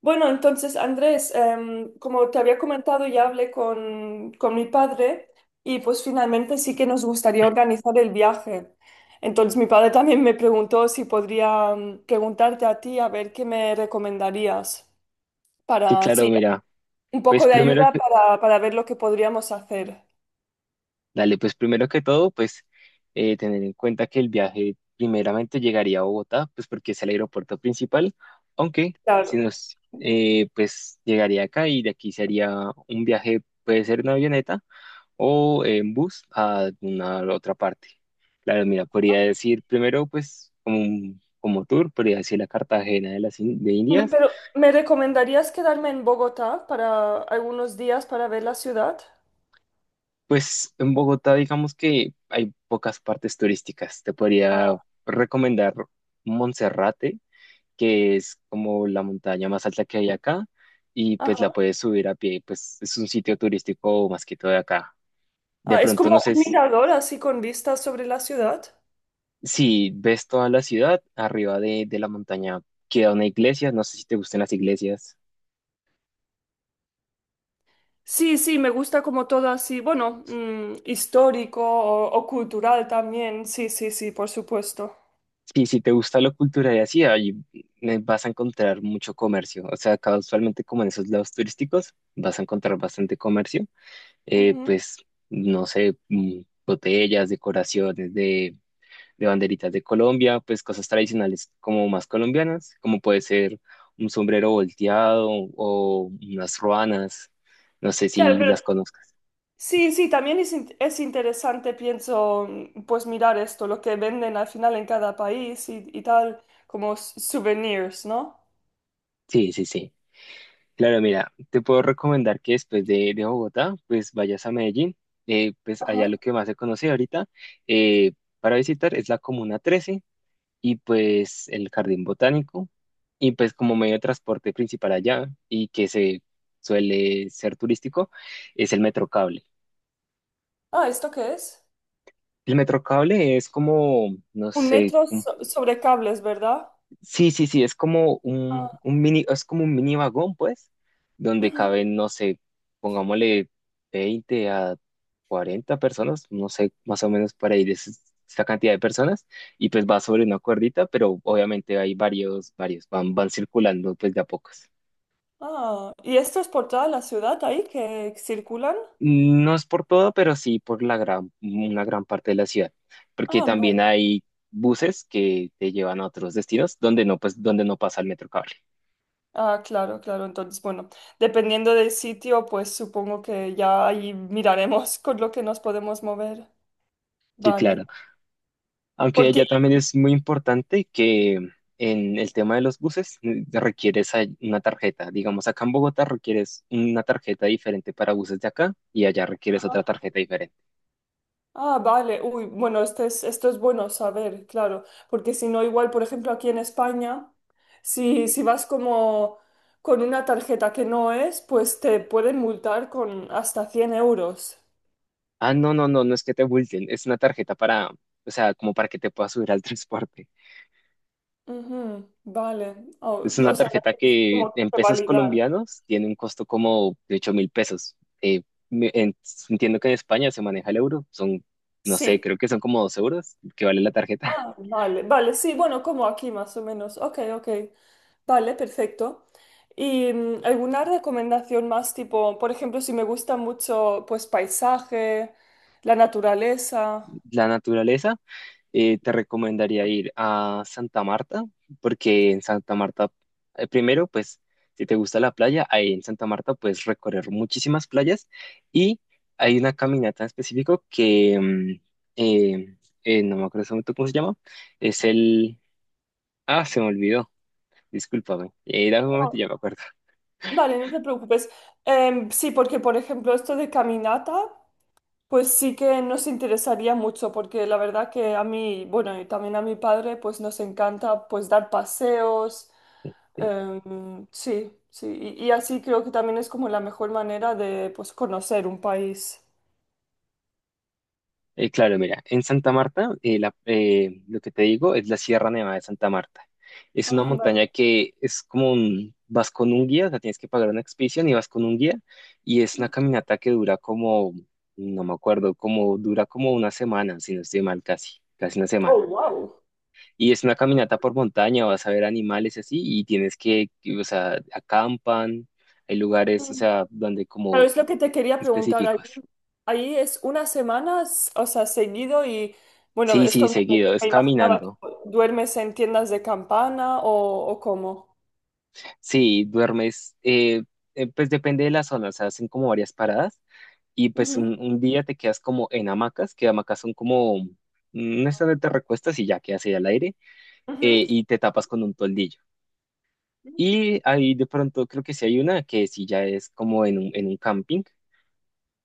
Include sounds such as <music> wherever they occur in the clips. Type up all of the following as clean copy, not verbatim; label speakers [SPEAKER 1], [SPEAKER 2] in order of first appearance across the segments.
[SPEAKER 1] Bueno, entonces, Andrés, como te había comentado, ya hablé con mi padre y pues finalmente sí que nos gustaría organizar el viaje. Entonces, mi padre también me preguntó si podría preguntarte a ti a ver qué me recomendarías
[SPEAKER 2] Sí,
[SPEAKER 1] para,
[SPEAKER 2] claro,
[SPEAKER 1] sí,
[SPEAKER 2] mira,
[SPEAKER 1] un
[SPEAKER 2] pues
[SPEAKER 1] poco de
[SPEAKER 2] primero
[SPEAKER 1] ayuda
[SPEAKER 2] que,
[SPEAKER 1] para ver lo que podríamos hacer.
[SPEAKER 2] dale, pues primero que todo, pues tener en cuenta que el viaje primeramente llegaría a Bogotá, pues porque es el aeropuerto principal, aunque si
[SPEAKER 1] Claro.
[SPEAKER 2] nos, pues llegaría acá y de aquí sería un viaje, puede ser en avioneta o en bus a alguna otra parte. Claro, mira, podría decir primero, pues como, como tour, podría decir la Cartagena de Indias.
[SPEAKER 1] Pero, ¿me recomendarías quedarme en Bogotá para algunos días para ver la ciudad?
[SPEAKER 2] Pues en Bogotá digamos que hay pocas partes turísticas. Te podría
[SPEAKER 1] Ah,
[SPEAKER 2] recomendar Monserrate, que es como la montaña más alta que hay acá, y pues la
[SPEAKER 1] ajá.
[SPEAKER 2] puedes subir a pie, pues es un sitio turístico más que todo de acá. De
[SPEAKER 1] Ah, es como
[SPEAKER 2] pronto no sé
[SPEAKER 1] un mirador así con vistas sobre la ciudad.
[SPEAKER 2] si ves toda la ciudad, arriba de la montaña queda una iglesia, no sé si te gustan las iglesias.
[SPEAKER 1] Sí, sí, me gusta como todo así, bueno, histórico o cultural también, sí, sí, sí, por supuesto.
[SPEAKER 2] Sí, si te gusta la cultura y así, ahí vas a encontrar mucho comercio. O sea, casualmente como en esos lados turísticos, vas a encontrar bastante comercio. Eh,
[SPEAKER 1] Ujú.
[SPEAKER 2] pues, no sé, botellas, decoraciones de banderitas de Colombia, pues cosas tradicionales como más colombianas, como puede ser un sombrero volteado o unas ruanas. No sé
[SPEAKER 1] Claro,
[SPEAKER 2] si
[SPEAKER 1] pero
[SPEAKER 2] las conozcas.
[SPEAKER 1] sí, sí, también es interesante, pienso, pues mirar esto, lo que venden al final en cada país y tal, como souvenirs, ¿no?
[SPEAKER 2] Sí, sí, sí. Claro, mira, te puedo recomendar que después de Bogotá, pues vayas a Medellín. Pues
[SPEAKER 1] Ajá.
[SPEAKER 2] allá lo que más se conoce ahorita eh, para visitar es la Comuna 13 y pues el Jardín Botánico y pues como medio de transporte principal allá y que se suele ser turístico es el Metrocable.
[SPEAKER 1] Ah, ¿esto qué es?
[SPEAKER 2] El Metrocable es como, no
[SPEAKER 1] Un
[SPEAKER 2] sé.
[SPEAKER 1] metro sobre cables, ¿verdad?
[SPEAKER 2] Sí, sí, sí, es como un,
[SPEAKER 1] Ah,
[SPEAKER 2] un mini, es como un mini vagón, pues, donde
[SPEAKER 1] ujú.
[SPEAKER 2] caben, no sé, pongámosle 20 a 40 personas, no sé, más o menos para ir esta cantidad de personas, y pues va sobre una cuerdita, pero obviamente hay varios, van circulando pues de a pocos.
[SPEAKER 1] Ah, ¿y esto es por toda la ciudad ahí que circulan?
[SPEAKER 2] No es por todo, pero sí por la gran, una gran parte de la ciudad, porque
[SPEAKER 1] Ah,
[SPEAKER 2] también
[SPEAKER 1] vale.
[SPEAKER 2] hay buses que te llevan a otros destinos donde no, pues, donde no pasa el metro cable.
[SPEAKER 1] Ah, claro, claro. Entonces, bueno, dependiendo del sitio, pues supongo que ya ahí miraremos <laughs> con lo que nos podemos mover.
[SPEAKER 2] Sí, claro.
[SPEAKER 1] Vale.
[SPEAKER 2] Aunque
[SPEAKER 1] Porque.
[SPEAKER 2] allá también es muy importante que en el tema de los buses requieres una tarjeta. Digamos, acá en Bogotá requieres una tarjeta diferente para buses de acá y allá requieres otra
[SPEAKER 1] Ajá.
[SPEAKER 2] tarjeta diferente.
[SPEAKER 1] Ah, vale. Uy, bueno, esto es bueno saber, claro. Porque si no, igual, por ejemplo, aquí en España, si vas como con una tarjeta que no es, pues te pueden multar con hasta cien euros.
[SPEAKER 2] Ah, no, no, no, no es que te multen, es una tarjeta para, o sea, como para que te puedas subir al <laughs> transporte.
[SPEAKER 1] Ujú, vale. O
[SPEAKER 2] Es
[SPEAKER 1] o
[SPEAKER 2] una
[SPEAKER 1] sea,
[SPEAKER 2] tarjeta
[SPEAKER 1] es
[SPEAKER 2] que
[SPEAKER 1] como
[SPEAKER 2] en
[SPEAKER 1] que
[SPEAKER 2] pesos
[SPEAKER 1] validar.
[SPEAKER 2] colombianos tiene un costo como de 8.000 pesos. Eh, me- en- Entiendo que en España se maneja el euro, son, no sé,
[SPEAKER 1] Sí.
[SPEAKER 2] creo que son como 2 euros que vale la tarjeta. <laughs>
[SPEAKER 1] Ah, vale, vale, sí, bueno, como aquí más o menos. Ok, ok. Vale, perfecto. ¿Y alguna recomendación más tipo, por ejemplo, si me gusta mucho, pues paisaje, la naturaleza?
[SPEAKER 2] La naturaleza. Te recomendaría ir a Santa Marta, porque en Santa Marta, primero, pues, si te gusta la playa, ahí en Santa Marta puedes recorrer muchísimas playas y hay una caminata en específico que, eh, no me acuerdo en este momento cómo se llama, es el— Ah, se me olvidó, discúlpame, dame un
[SPEAKER 1] No,
[SPEAKER 2] momento, y ya me acuerdo.
[SPEAKER 1] vale, no te preocupes. Sí, porque por ejemplo, esto de caminata. Pues sí que nos interesaría mucho porque la verdad que a mí, bueno, y también a mi padre, pues nos encanta pues dar paseos. Sí, sí, y así creo que también es como la mejor manera de pues conocer un país.
[SPEAKER 2] Claro, mira, en Santa Marta, lo que te digo es la Sierra Nevada de Santa Marta. Es una
[SPEAKER 1] Ah, vale.
[SPEAKER 2] montaña que es como un, vas con un guía, o sea, tienes que pagar una expedición y vas con un guía, y es una caminata que dura como, no me acuerdo, como dura como una semana, si no estoy mal, casi, casi una semana.
[SPEAKER 1] Oh, wow.
[SPEAKER 2] Y es una caminata por montaña, vas a ver animales y así, y tienes que, o sea, acampan, hay lugares, o sea, donde
[SPEAKER 1] Pero
[SPEAKER 2] como
[SPEAKER 1] es lo que te quería preguntar. Ahí,
[SPEAKER 2] específicos.
[SPEAKER 1] ahí es una semana, o sea, seguido y bueno,
[SPEAKER 2] Sí, sí,
[SPEAKER 1] esto me,
[SPEAKER 2] seguido, es
[SPEAKER 1] me imaginaba,
[SPEAKER 2] caminando.
[SPEAKER 1] tipo, ¿duermes en tiendas de campana o cómo?
[SPEAKER 2] Sí, duermes, pues depende de la zona, o sea, hacen como varias paradas y pues
[SPEAKER 1] Ujú,
[SPEAKER 2] un día te quedas como en hamacas, que hamacas son como, mm, no es donde te recuestas y ya quedas ahí al aire y te tapas con un toldillo. Y
[SPEAKER 1] ujú.
[SPEAKER 2] ahí de pronto creo que sí hay una que sí ya es como en un, camping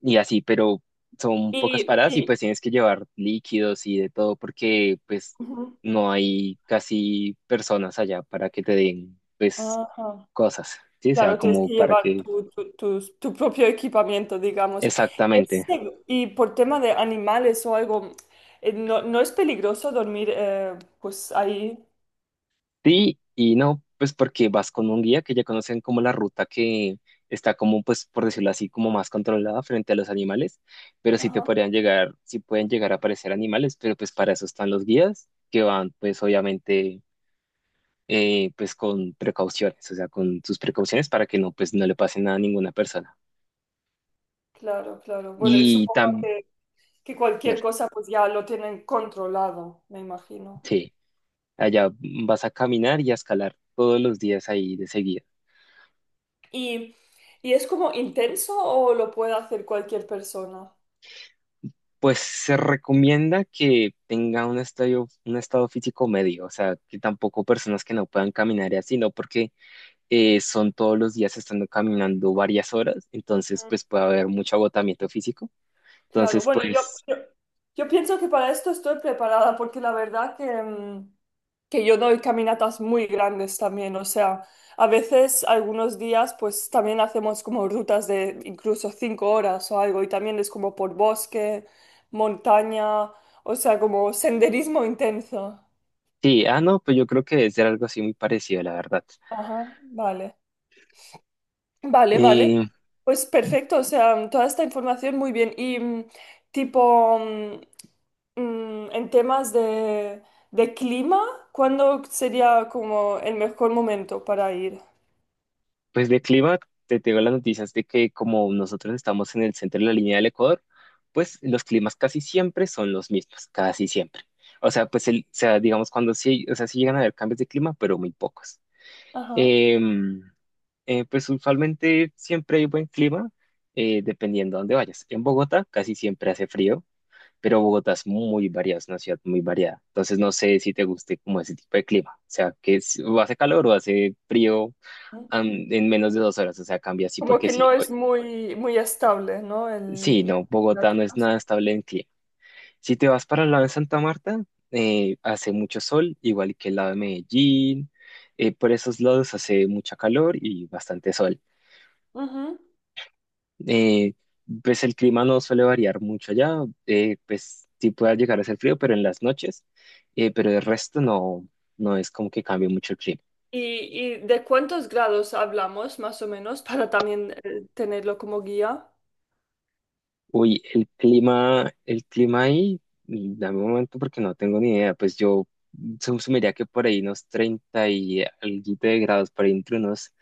[SPEAKER 2] y así, pero son pocas
[SPEAKER 1] Y,
[SPEAKER 2] paradas y
[SPEAKER 1] y-
[SPEAKER 2] pues tienes que llevar líquidos y de todo porque pues
[SPEAKER 1] Ujú,
[SPEAKER 2] no hay casi personas allá para que te den pues
[SPEAKER 1] ajá,
[SPEAKER 2] cosas, ¿sí? O sea,
[SPEAKER 1] claro, tienes
[SPEAKER 2] como
[SPEAKER 1] que
[SPEAKER 2] para
[SPEAKER 1] llevar
[SPEAKER 2] que—
[SPEAKER 1] tu propio equipamiento, digamos.
[SPEAKER 2] Exactamente.
[SPEAKER 1] Y por tema de animales o algo, no, no es peligroso dormir pues ahí.
[SPEAKER 2] Sí y no, pues porque vas con un guía que ya conocen como la ruta que está como, pues por decirlo así, como más controlada frente a los animales, pero sí te
[SPEAKER 1] Ajá,
[SPEAKER 2] podrían llegar, sí pueden llegar a aparecer animales, pero pues para eso están los guías que van pues obviamente pues con precauciones, o sea, con sus precauciones para que no pues no le pase nada a ninguna persona.
[SPEAKER 1] claro, claro. Bueno, y
[SPEAKER 2] Y
[SPEAKER 1] supongo
[SPEAKER 2] también,
[SPEAKER 1] que cualquier cosa pues ya lo tienen controlado, me imagino.
[SPEAKER 2] sí, allá vas a caminar y a escalar todos los días ahí de seguida.
[SPEAKER 1] ¿Y, y es como intenso o lo puede hacer cualquier persona?
[SPEAKER 2] Pues se recomienda que tenga un estadio, un estado físico medio, o sea, que tampoco personas que no puedan caminar y así, no porque son todos los días estando caminando varias horas, entonces pues puede haber mucho agotamiento físico.
[SPEAKER 1] Claro,
[SPEAKER 2] Entonces,
[SPEAKER 1] bueno,
[SPEAKER 2] pues
[SPEAKER 1] yo, yo pienso que para esto estoy preparada porque la verdad que yo doy caminatas muy grandes también, o sea, a veces algunos días pues también hacemos como rutas de incluso 5 horas o algo y también es como por bosque, montaña, o sea, como senderismo intenso.
[SPEAKER 2] sí, ah, no, pues yo creo que debe ser algo así muy parecido, la verdad.
[SPEAKER 1] Ajá, vale. Vale, vale.
[SPEAKER 2] Eh,
[SPEAKER 1] Pues perfecto, o sea, toda esta información muy bien. Y tipo, en temas de clima, ¿cuándo sería como el mejor momento para ir?
[SPEAKER 2] Pues de clima, te tengo las noticias de que como nosotros estamos en el centro de la línea del Ecuador, pues los climas casi siempre son los mismos, casi siempre. O sea, pues el, o sea, digamos cuando sí, o sea, sí llegan a haber cambios de clima, pero muy pocos.
[SPEAKER 1] Ajá.
[SPEAKER 2] Em, pues usualmente siempre hay buen clima, dependiendo a dónde vayas. En Bogotá casi siempre hace frío, pero Bogotá es muy variada, es una ciudad muy variada. Entonces no sé si te guste como ese tipo de clima. O sea, que es- o hace calor o hace frío
[SPEAKER 1] Mm.
[SPEAKER 2] en menos de 2 horas, o sea, cambia así
[SPEAKER 1] Como
[SPEAKER 2] porque
[SPEAKER 1] que
[SPEAKER 2] sí.
[SPEAKER 1] no es muy, muy estable, ¿no? El,
[SPEAKER 2] Sí, no,
[SPEAKER 1] la
[SPEAKER 2] Bogotá no es
[SPEAKER 1] temperatura.
[SPEAKER 2] nada estable en clima. Si te vas para el lado de Santa Marta, hace mucho sol, igual que el lado de Medellín. Por esos lados hace mucha calor y bastante sol.
[SPEAKER 1] Ujú.
[SPEAKER 2] Eh, pues el clima no suele variar mucho allá, pues sí puede llegar a ser frío, pero en las noches, pero el resto no, no es como que cambie mucho el clima.
[SPEAKER 1] ¿Y de cuántos grados hablamos, más o menos, para también tenerlo como guía?
[SPEAKER 2] Uy, el clima ahí, dame un momento porque no tengo ni idea. Pues yo sumiría que por ahí unos 30 y algo de grados, por ahí entre unos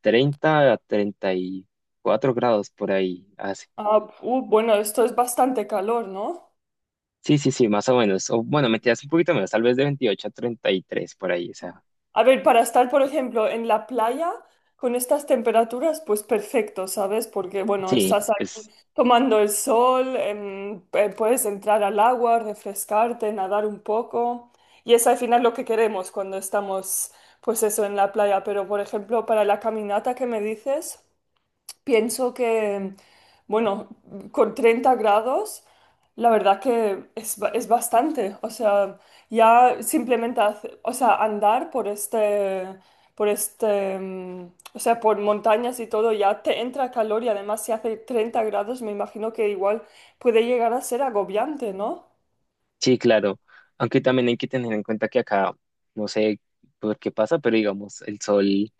[SPEAKER 2] 30 a 34 grados por ahí hace.
[SPEAKER 1] Ah, bueno, esto es bastante calor, ¿no?
[SPEAKER 2] Sí, sí, sí, más o menos. O bueno, mentiras un poquito menos, tal vez de 28 a 33 por ahí. O sea,
[SPEAKER 1] A ver, para estar, por ejemplo, en la playa con estas temperaturas, pues perfecto, ¿sabes? Porque, bueno,
[SPEAKER 2] sí,
[SPEAKER 1] estás ahí
[SPEAKER 2] pues.
[SPEAKER 1] tomando el sol, puedes entrar al agua, refrescarte, nadar un poco. Y es al final lo que queremos cuando estamos, pues eso, en la playa. Pero, por ejemplo, para la caminata que me dices. Pienso que, bueno, con 30 grados, la verdad que es bastante. O sea, ya simplemente, o sea, andar o sea, por montañas y todo, ya te entra calor y además si hace 30 grados, me imagino que igual puede llegar a ser agobiante, ¿no?
[SPEAKER 2] Sí, claro. Aunque también hay que tener en cuenta que acá, no sé por qué pasa, pero digamos, el sol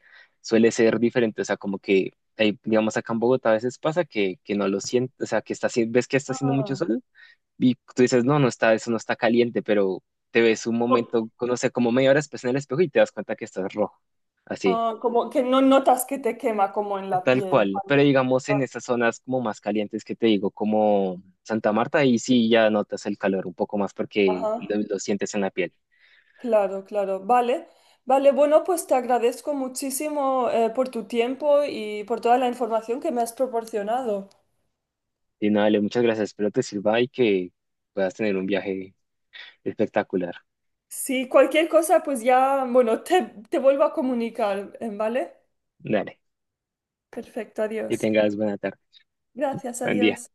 [SPEAKER 2] suele ser diferente. O sea, como que, digamos, acá en Bogotá a veces pasa que no lo sientes, o sea, que está, ves que está haciendo mucho
[SPEAKER 1] Ah,
[SPEAKER 2] sol y tú dices, no, no está, eso no está caliente, pero te ves un
[SPEAKER 1] o-
[SPEAKER 2] momento, no sé, como media hora después en el espejo y te das cuenta que estás rojo. Así,
[SPEAKER 1] como que no notas que te quema como en la
[SPEAKER 2] tal
[SPEAKER 1] piel.
[SPEAKER 2] cual.
[SPEAKER 1] Vale,
[SPEAKER 2] Pero digamos, en estas zonas como más calientes que te digo, como Santa Marta, ahí sí ya notas el calor un poco más porque
[SPEAKER 1] vale.
[SPEAKER 2] lo sientes en la piel.
[SPEAKER 1] Claro, claro. Vale. Vale, bueno, pues te agradezco muchísimo por tu tiempo y por toda la información que me has proporcionado.
[SPEAKER 2] Y nada, Ale, muchas gracias. Espero te sirva y que puedas tener un viaje espectacular.
[SPEAKER 1] Si cualquier cosa, pues ya, bueno, te vuelvo a comunicar, ¿vale?
[SPEAKER 2] Dale,
[SPEAKER 1] Perfecto,
[SPEAKER 2] que
[SPEAKER 1] adiós.
[SPEAKER 2] tengas buena tarde,
[SPEAKER 1] Gracias,
[SPEAKER 2] buen día.
[SPEAKER 1] adiós.